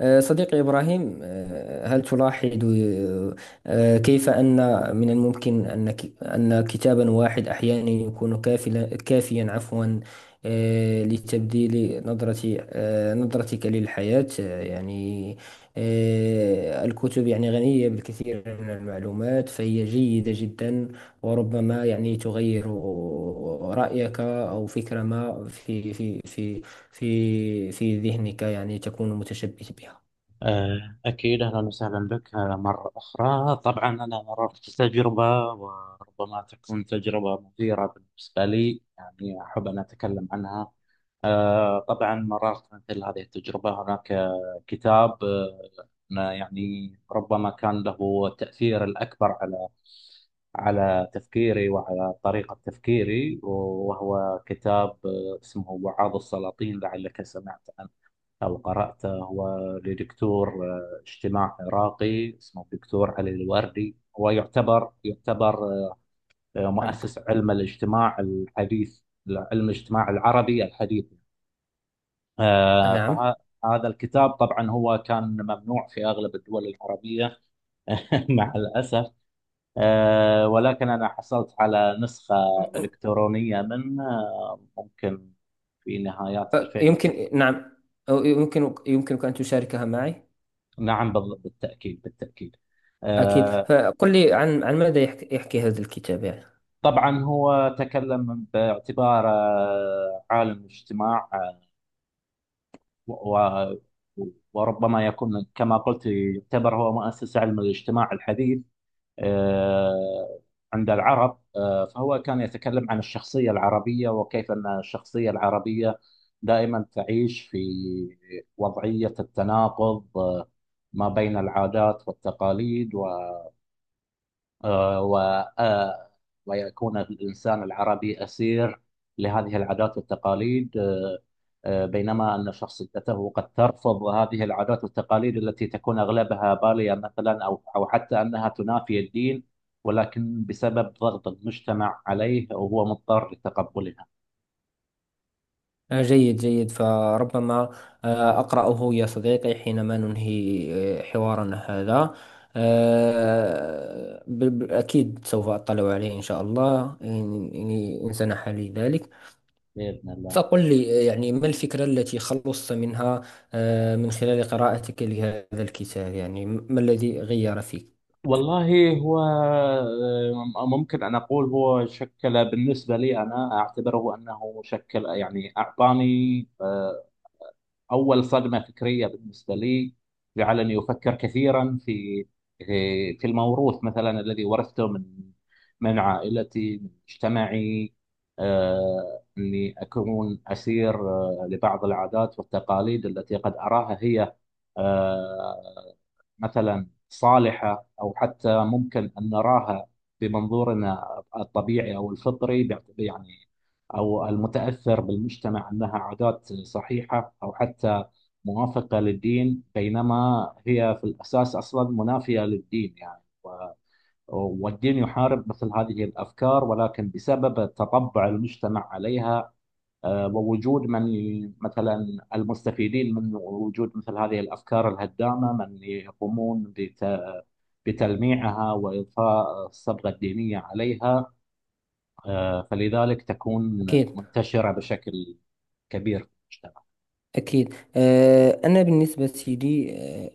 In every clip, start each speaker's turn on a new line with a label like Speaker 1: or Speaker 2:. Speaker 1: صديقي إبراهيم، هل تلاحظ كيف أن من الممكن أن أن كتابا واحد أحيانا يكون كافيا لتبديل نظرة آه، نظرتك للحياة؟ يعني الكتب يعني غنية بالكثير من المعلومات، فهي جيدة جدا، وربما يعني تغير رأيك أو فكرة ما في في ذهنك يعني تكون متشبث بها.
Speaker 2: أكيد أهلا وسهلا بك مرة أخرى. طبعا أنا مررت تجربة، وربما تكون تجربة مثيرة بالنسبة لي، يعني أحب أن أتكلم عنها. طبعا مررت مثل هذه التجربة. هناك كتاب يعني ربما كان له تأثير الأكبر على على تفكيري وعلى طريقة تفكيري، وهو كتاب اسمه وعاظ السلاطين، لعلك سمعت عنه أو قرأته. هو لدكتور اجتماع عراقي اسمه الدكتور علي الوردي، هو يعتبر
Speaker 1: نعم.
Speaker 2: مؤسس علم الاجتماع الحديث، علم الاجتماع العربي الحديث. آه،
Speaker 1: نعم.
Speaker 2: فهذا الكتاب طبعا هو كان ممنوع في أغلب الدول العربية مع الأسف. ولكن أنا حصلت على نسخة إلكترونية منه، ممكن في نهايات
Speaker 1: أه، يمكن.
Speaker 2: 2009.
Speaker 1: نعم. أو يمكن يمكنك أن تشاركها معي.
Speaker 2: نعم، بالتأكيد، بالتأكيد.
Speaker 1: أكيد.
Speaker 2: آه،
Speaker 1: فقل لي عن ماذا يحكي هذا الكتاب يعني.
Speaker 2: طبعا هو تكلم باعتباره عالم اجتماع. و- وربما يكون، كما قلت، يعتبر هو مؤسس علم الاجتماع الحديث آه، عند العرب. فهو كان يتكلم عن الشخصية العربية، وكيف أن الشخصية العربية دائما تعيش في وضعية التناقض ما بين العادات والتقاليد آه، و آه، ويكون الإنسان العربي أسير لهذه العادات والتقاليد. بينما أن شخصيته قد ترفض هذه العادات والتقاليد التي تكون أغلبها بالية مثلا، أو حتى أنها تنافي الدين، ولكن بسبب ضغط المجتمع عليه وهو مضطر لتقبلها.
Speaker 1: جيد جيد. فربما أقرأه يا صديقي حينما ننهي حوارنا هذا. أكيد سوف أطلع عليه إن شاء الله، إن سنح لي ذلك.
Speaker 2: بإذن الله.
Speaker 1: فقل لي يعني ما الفكرة التي خلصت منها من خلال قراءتك لهذا الكتاب، يعني ما الذي غير فيك؟
Speaker 2: والله هو ممكن أن أقول هو شكل بالنسبة لي، أنا أعتبره أنه شكل، يعني أعطاني أول صدمة فكرية بالنسبة لي. جعلني أفكر كثيرا في في الموروث مثلا الذي ورثته من من عائلتي، من مجتمعي. أني أكون أسير لبعض العادات والتقاليد التي قد أراها هي آه، مثلا صالحة، أو حتى ممكن أن نراها بمنظورنا الطبيعي أو الفطري، يعني أو المتأثر بالمجتمع، أنها عادات صحيحة أو حتى موافقة للدين، بينما هي في الأساس أصلا منافية للدين. يعني والدين يحارب مثل هذه الأفكار، ولكن بسبب تطبع المجتمع عليها ووجود من مثلا المستفيدين من وجود مثل هذه الأفكار الهدامة، من يقومون بتلميعها وإضفاء الصبغة الدينية عليها. فلذلك تكون
Speaker 1: أكيد
Speaker 2: منتشرة بشكل كبير مجتمع.
Speaker 1: أكيد. أنا بالنسبة لي،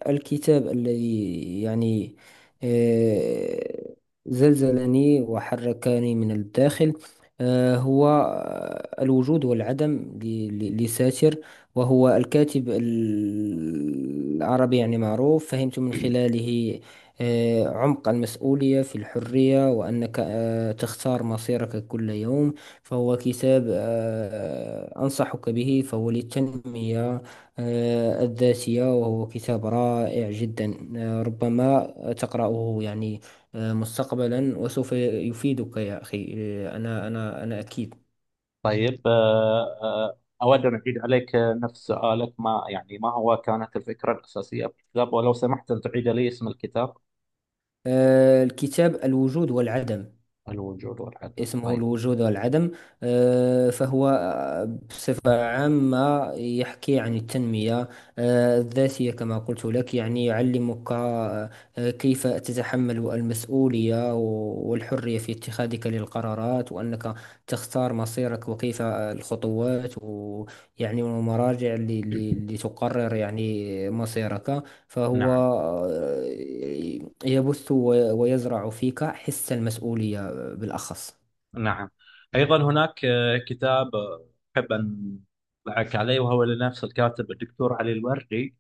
Speaker 1: الكتاب الذي يعني آه، زلزلني وحركني من الداخل، آه، هو آه، الوجود والعدم لساتر، وهو الكاتب العربي يعني معروف. فهمت من خلاله عمق المسؤولية في الحرية، وأنك تختار مصيرك كل يوم. فهو كتاب أنصحك به، فهو للتنمية الذاتية، وهو كتاب رائع جدا. ربما تقرأه يعني مستقبلا وسوف يفيدك يا أخي. أنا أكيد.
Speaker 2: طيب. أود أن أعيد عليك نفس سؤالك، ما يعني ما هو كانت الفكرة الأساسية في الكتاب، ولو سمحت أن تعيد لي اسم الكتاب.
Speaker 1: الكتاب الوجود والعدم.
Speaker 2: الوجود والعدم،
Speaker 1: اسمه
Speaker 2: طيب.
Speaker 1: الوجود والعدم. آه، فهو آه، بصفة عامة يحكي عن التنمية الذاتية، كما قلت لك يعني يعلمك كيف تتحمل المسؤولية والحرية في اتخاذك للقرارات، وأنك تختار مصيرك، وكيف الخطوات ويعني والمراجع اللي تقرر يعني مصيرك. فهو
Speaker 2: نعم.
Speaker 1: آه، يبث ويزرع فيك حس المسؤولية بالأخص.
Speaker 2: نعم، أيضا هناك كتاب أحب أن أطلعك عليه، وهو لنفس الكاتب الدكتور علي الوردي.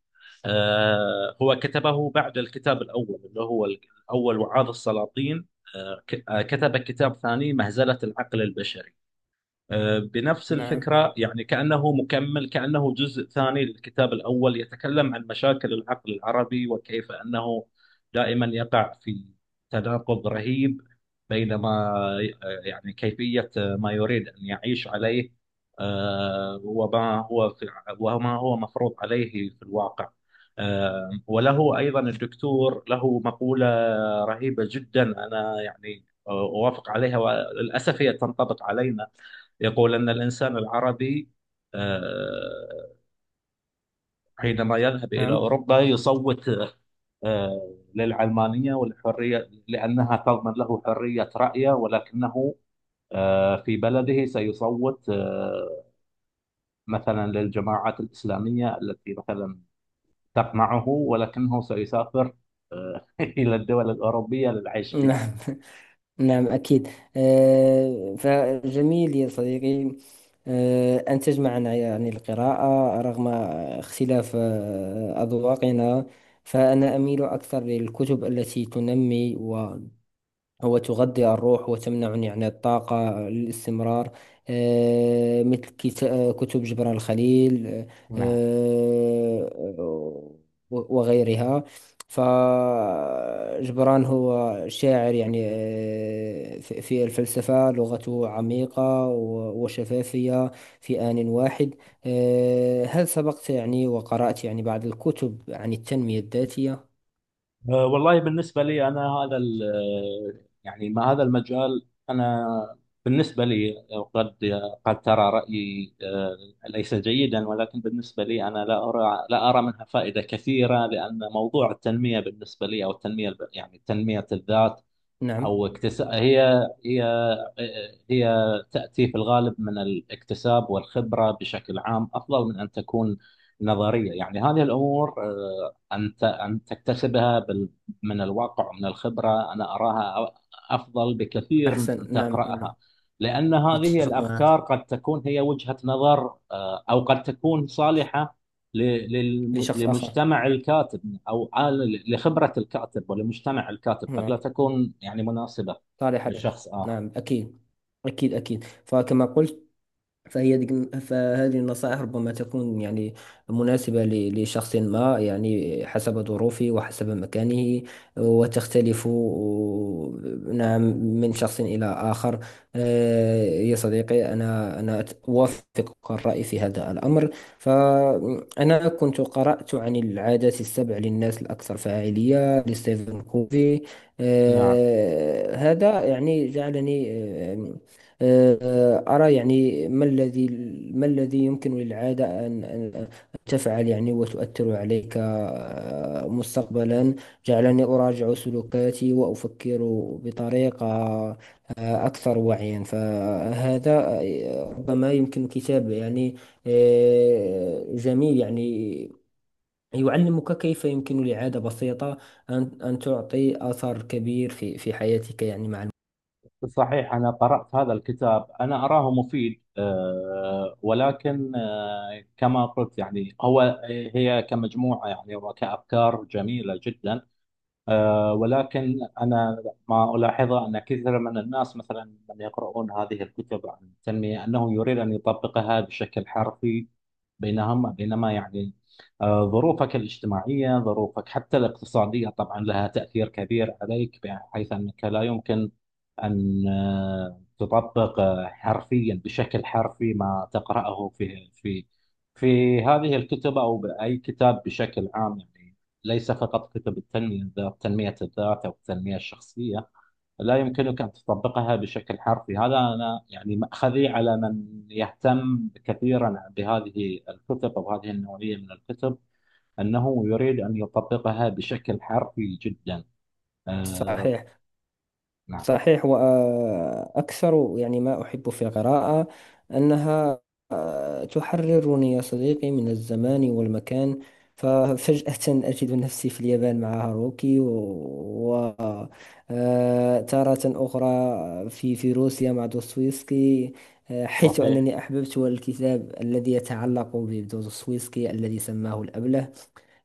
Speaker 2: هو كتبه بعد الكتاب الأول، اللي هو الأول وعاظ السلاطين. كتب كتاب ثاني مهزلة العقل البشري بنفس
Speaker 1: نعم.
Speaker 2: الفكرة، يعني كأنه مكمل، كأنه جزء ثاني للكتاب الأول. يتكلم عن مشاكل العقل العربي، وكيف أنه دائما يقع في تناقض رهيب بين ما يعني كيفية ما يريد أن يعيش عليه آه، وما هو في وما هو مفروض عليه في الواقع. وله أيضا الدكتور له مقولة رهيبة جدا، أنا يعني أوافق عليها وللأسف هي تنطبق علينا. يقول أن الإنسان العربي آه، حينما يذهب إلى
Speaker 1: نعم.
Speaker 2: أوروبا يصوت للعلمانية والحرية، لأنها تضمن له حرية رأيه، ولكنه في بلده سيصوت مثلا للجماعات الإسلامية التي مثلا تقمعه، ولكنه سيسافر إلى الدول الأوروبية للعيش بها.
Speaker 1: نعم. نعم أكيد. فجميل يا صديقي أن تجمعنا يعني القراءة رغم اختلاف أذواقنا. فأنا أميل أكثر للكتب التي تنمي، هو تغذي الروح وتمنعني عن الطاقة للاستمرار، مثل كتب جبران الخليل
Speaker 2: نعم.
Speaker 1: آه، وغيرها. فجبران هو شاعر يعني في الفلسفة، لغته عميقة وشفافية في آن واحد. هل سبقت يعني وقرأت يعني بعض الكتب عن التنمية الذاتية؟
Speaker 2: والله بالنسبة لي أنا، هذا يعني ما هذا المجال، أنا بالنسبة لي قد قد ترى رأيي ليس جيدا، ولكن بالنسبة لي أنا لا أرى لا أرى منها فائدة كثيرة، لأن موضوع التنمية بالنسبة لي، أو التنمية يعني تنمية الذات
Speaker 1: نعم.
Speaker 2: او اكتساب هي هي تاتي في الغالب من الاكتساب والخبره. بشكل عام افضل من ان تكون نظريه، يعني هذه الامور ان تكتسبها من الواقع ومن الخبره، انا اراها افضل بكثير من ان
Speaker 1: أحسن. نعم. نعم.
Speaker 2: تقراها، لان هذه
Speaker 1: متفق
Speaker 2: الافكار
Speaker 1: معك.
Speaker 2: قد تكون هي وجهه نظر، او قد تكون صالحه
Speaker 1: لشخص آخر.
Speaker 2: لمجتمع الكاتب، او لخبره الكاتب ولمجتمع الكاتب، قد لا
Speaker 1: نعم.
Speaker 2: تكون يعني مناسبه
Speaker 1: صالح لك.
Speaker 2: لشخص اخر.
Speaker 1: نعم أكيد. أكيد أكيد. فكما قلت، فهي ديك، فهذه النصائح ربما تكون يعني مناسبة لشخص ما يعني حسب ظروفه وحسب مكانه، وتختلف. نعم. من شخص إلى آخر. يا صديقي، أنا أوافقك الرأي في هذا الأمر. فأنا كنت قرأت عن العادات السبع للناس الأكثر فاعلية لستيفن كوفي.
Speaker 2: نعم
Speaker 1: هذا يعني جعلني آه، أرى يعني ما الذي يمكن للعادة أن تفعل يعني وتؤثر عليك مستقبلا. جعلني أراجع سلوكاتي وأفكر بطريقة أكثر وعيا. فهذا ربما يمكن كتاب يعني جميل يعني، يعلمك كيف يمكن لعادة بسيطة أن تعطي أثر كبير في حياتك يعني مع الوقت.
Speaker 2: صحيح. انا قرات هذا الكتاب انا اراه مفيد، ولكن كما قلت، يعني هو هي كمجموعه يعني وكافكار جميله جدا. ولكن أنا ما ألاحظه أن كثير من الناس مثلا من يقرؤون هذه الكتب عن التنمية، أنه يريد أن يطبقها بشكل حرفي بينهم. بينما يعني ظروفك الاجتماعية، ظروفك حتى الاقتصادية طبعا لها تأثير كبير عليك، بحيث أنك لا يمكن أن تطبق حرفيا، بشكل حرفي ما تقرأه في في في هذه الكتب أو بأي كتاب بشكل عام، يعني ليس فقط كتب التنمية الذات، تنمية الذات أو التنمية الشخصية. لا يمكنك أن تطبقها بشكل حرفي. هذا أنا يعني مأخذي على من يهتم كثيرا بهذه الكتب أو هذه النوعية من الكتب، أنه يريد أن يطبقها بشكل حرفي جدا. آه
Speaker 1: صحيح.
Speaker 2: نعم
Speaker 1: صحيح. وأكثر يعني ما أحب في القراءة أنها تحررني يا صديقي من الزمان والمكان. ففجأة أجد نفسي في اليابان مع هاروكي، وتارة أخرى في روسيا مع دوستويفسكي. حيث
Speaker 2: صحيح.
Speaker 1: أنني أحببت الكتاب الذي يتعلق بدوستويفسكي الذي سماه الأبله.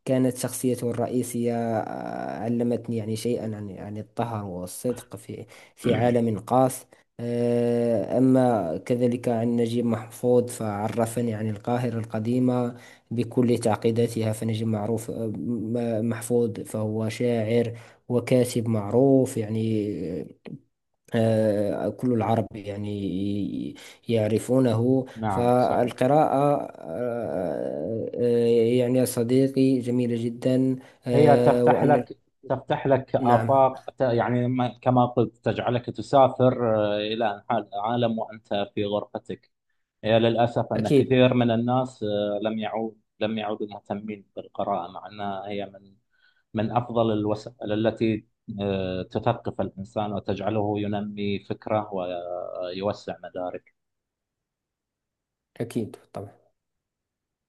Speaker 1: كانت شخصيته الرئيسية علمتني يعني شيئا عن الطهر والصدق في عالم قاس. أما كذلك عن نجيب محفوظ، فعرفني عن القاهرة القديمة بكل تعقيداتها. فنجيب محفوظ فهو شاعر وكاتب معروف يعني، كل العرب يعني يعرفونه.
Speaker 2: نعم صحيح.
Speaker 1: فالقراءة يعني يا صديقي جميلة جدا
Speaker 2: هي تفتح
Speaker 1: وأن.
Speaker 2: لك، تفتح لك
Speaker 1: نعم
Speaker 2: آفاق يعني كما قلت، تجعلك تسافر إلى عالم وأنت في غرفتك. هي للأسف أن
Speaker 1: أكيد.
Speaker 2: كثير من الناس لم يعودوا مهتمين بالقراءة، مع أنها هي من من أفضل الوسائل التي تثقف الإنسان وتجعله ينمي فكره ويوسع مداركه.
Speaker 1: أكيد طبعا.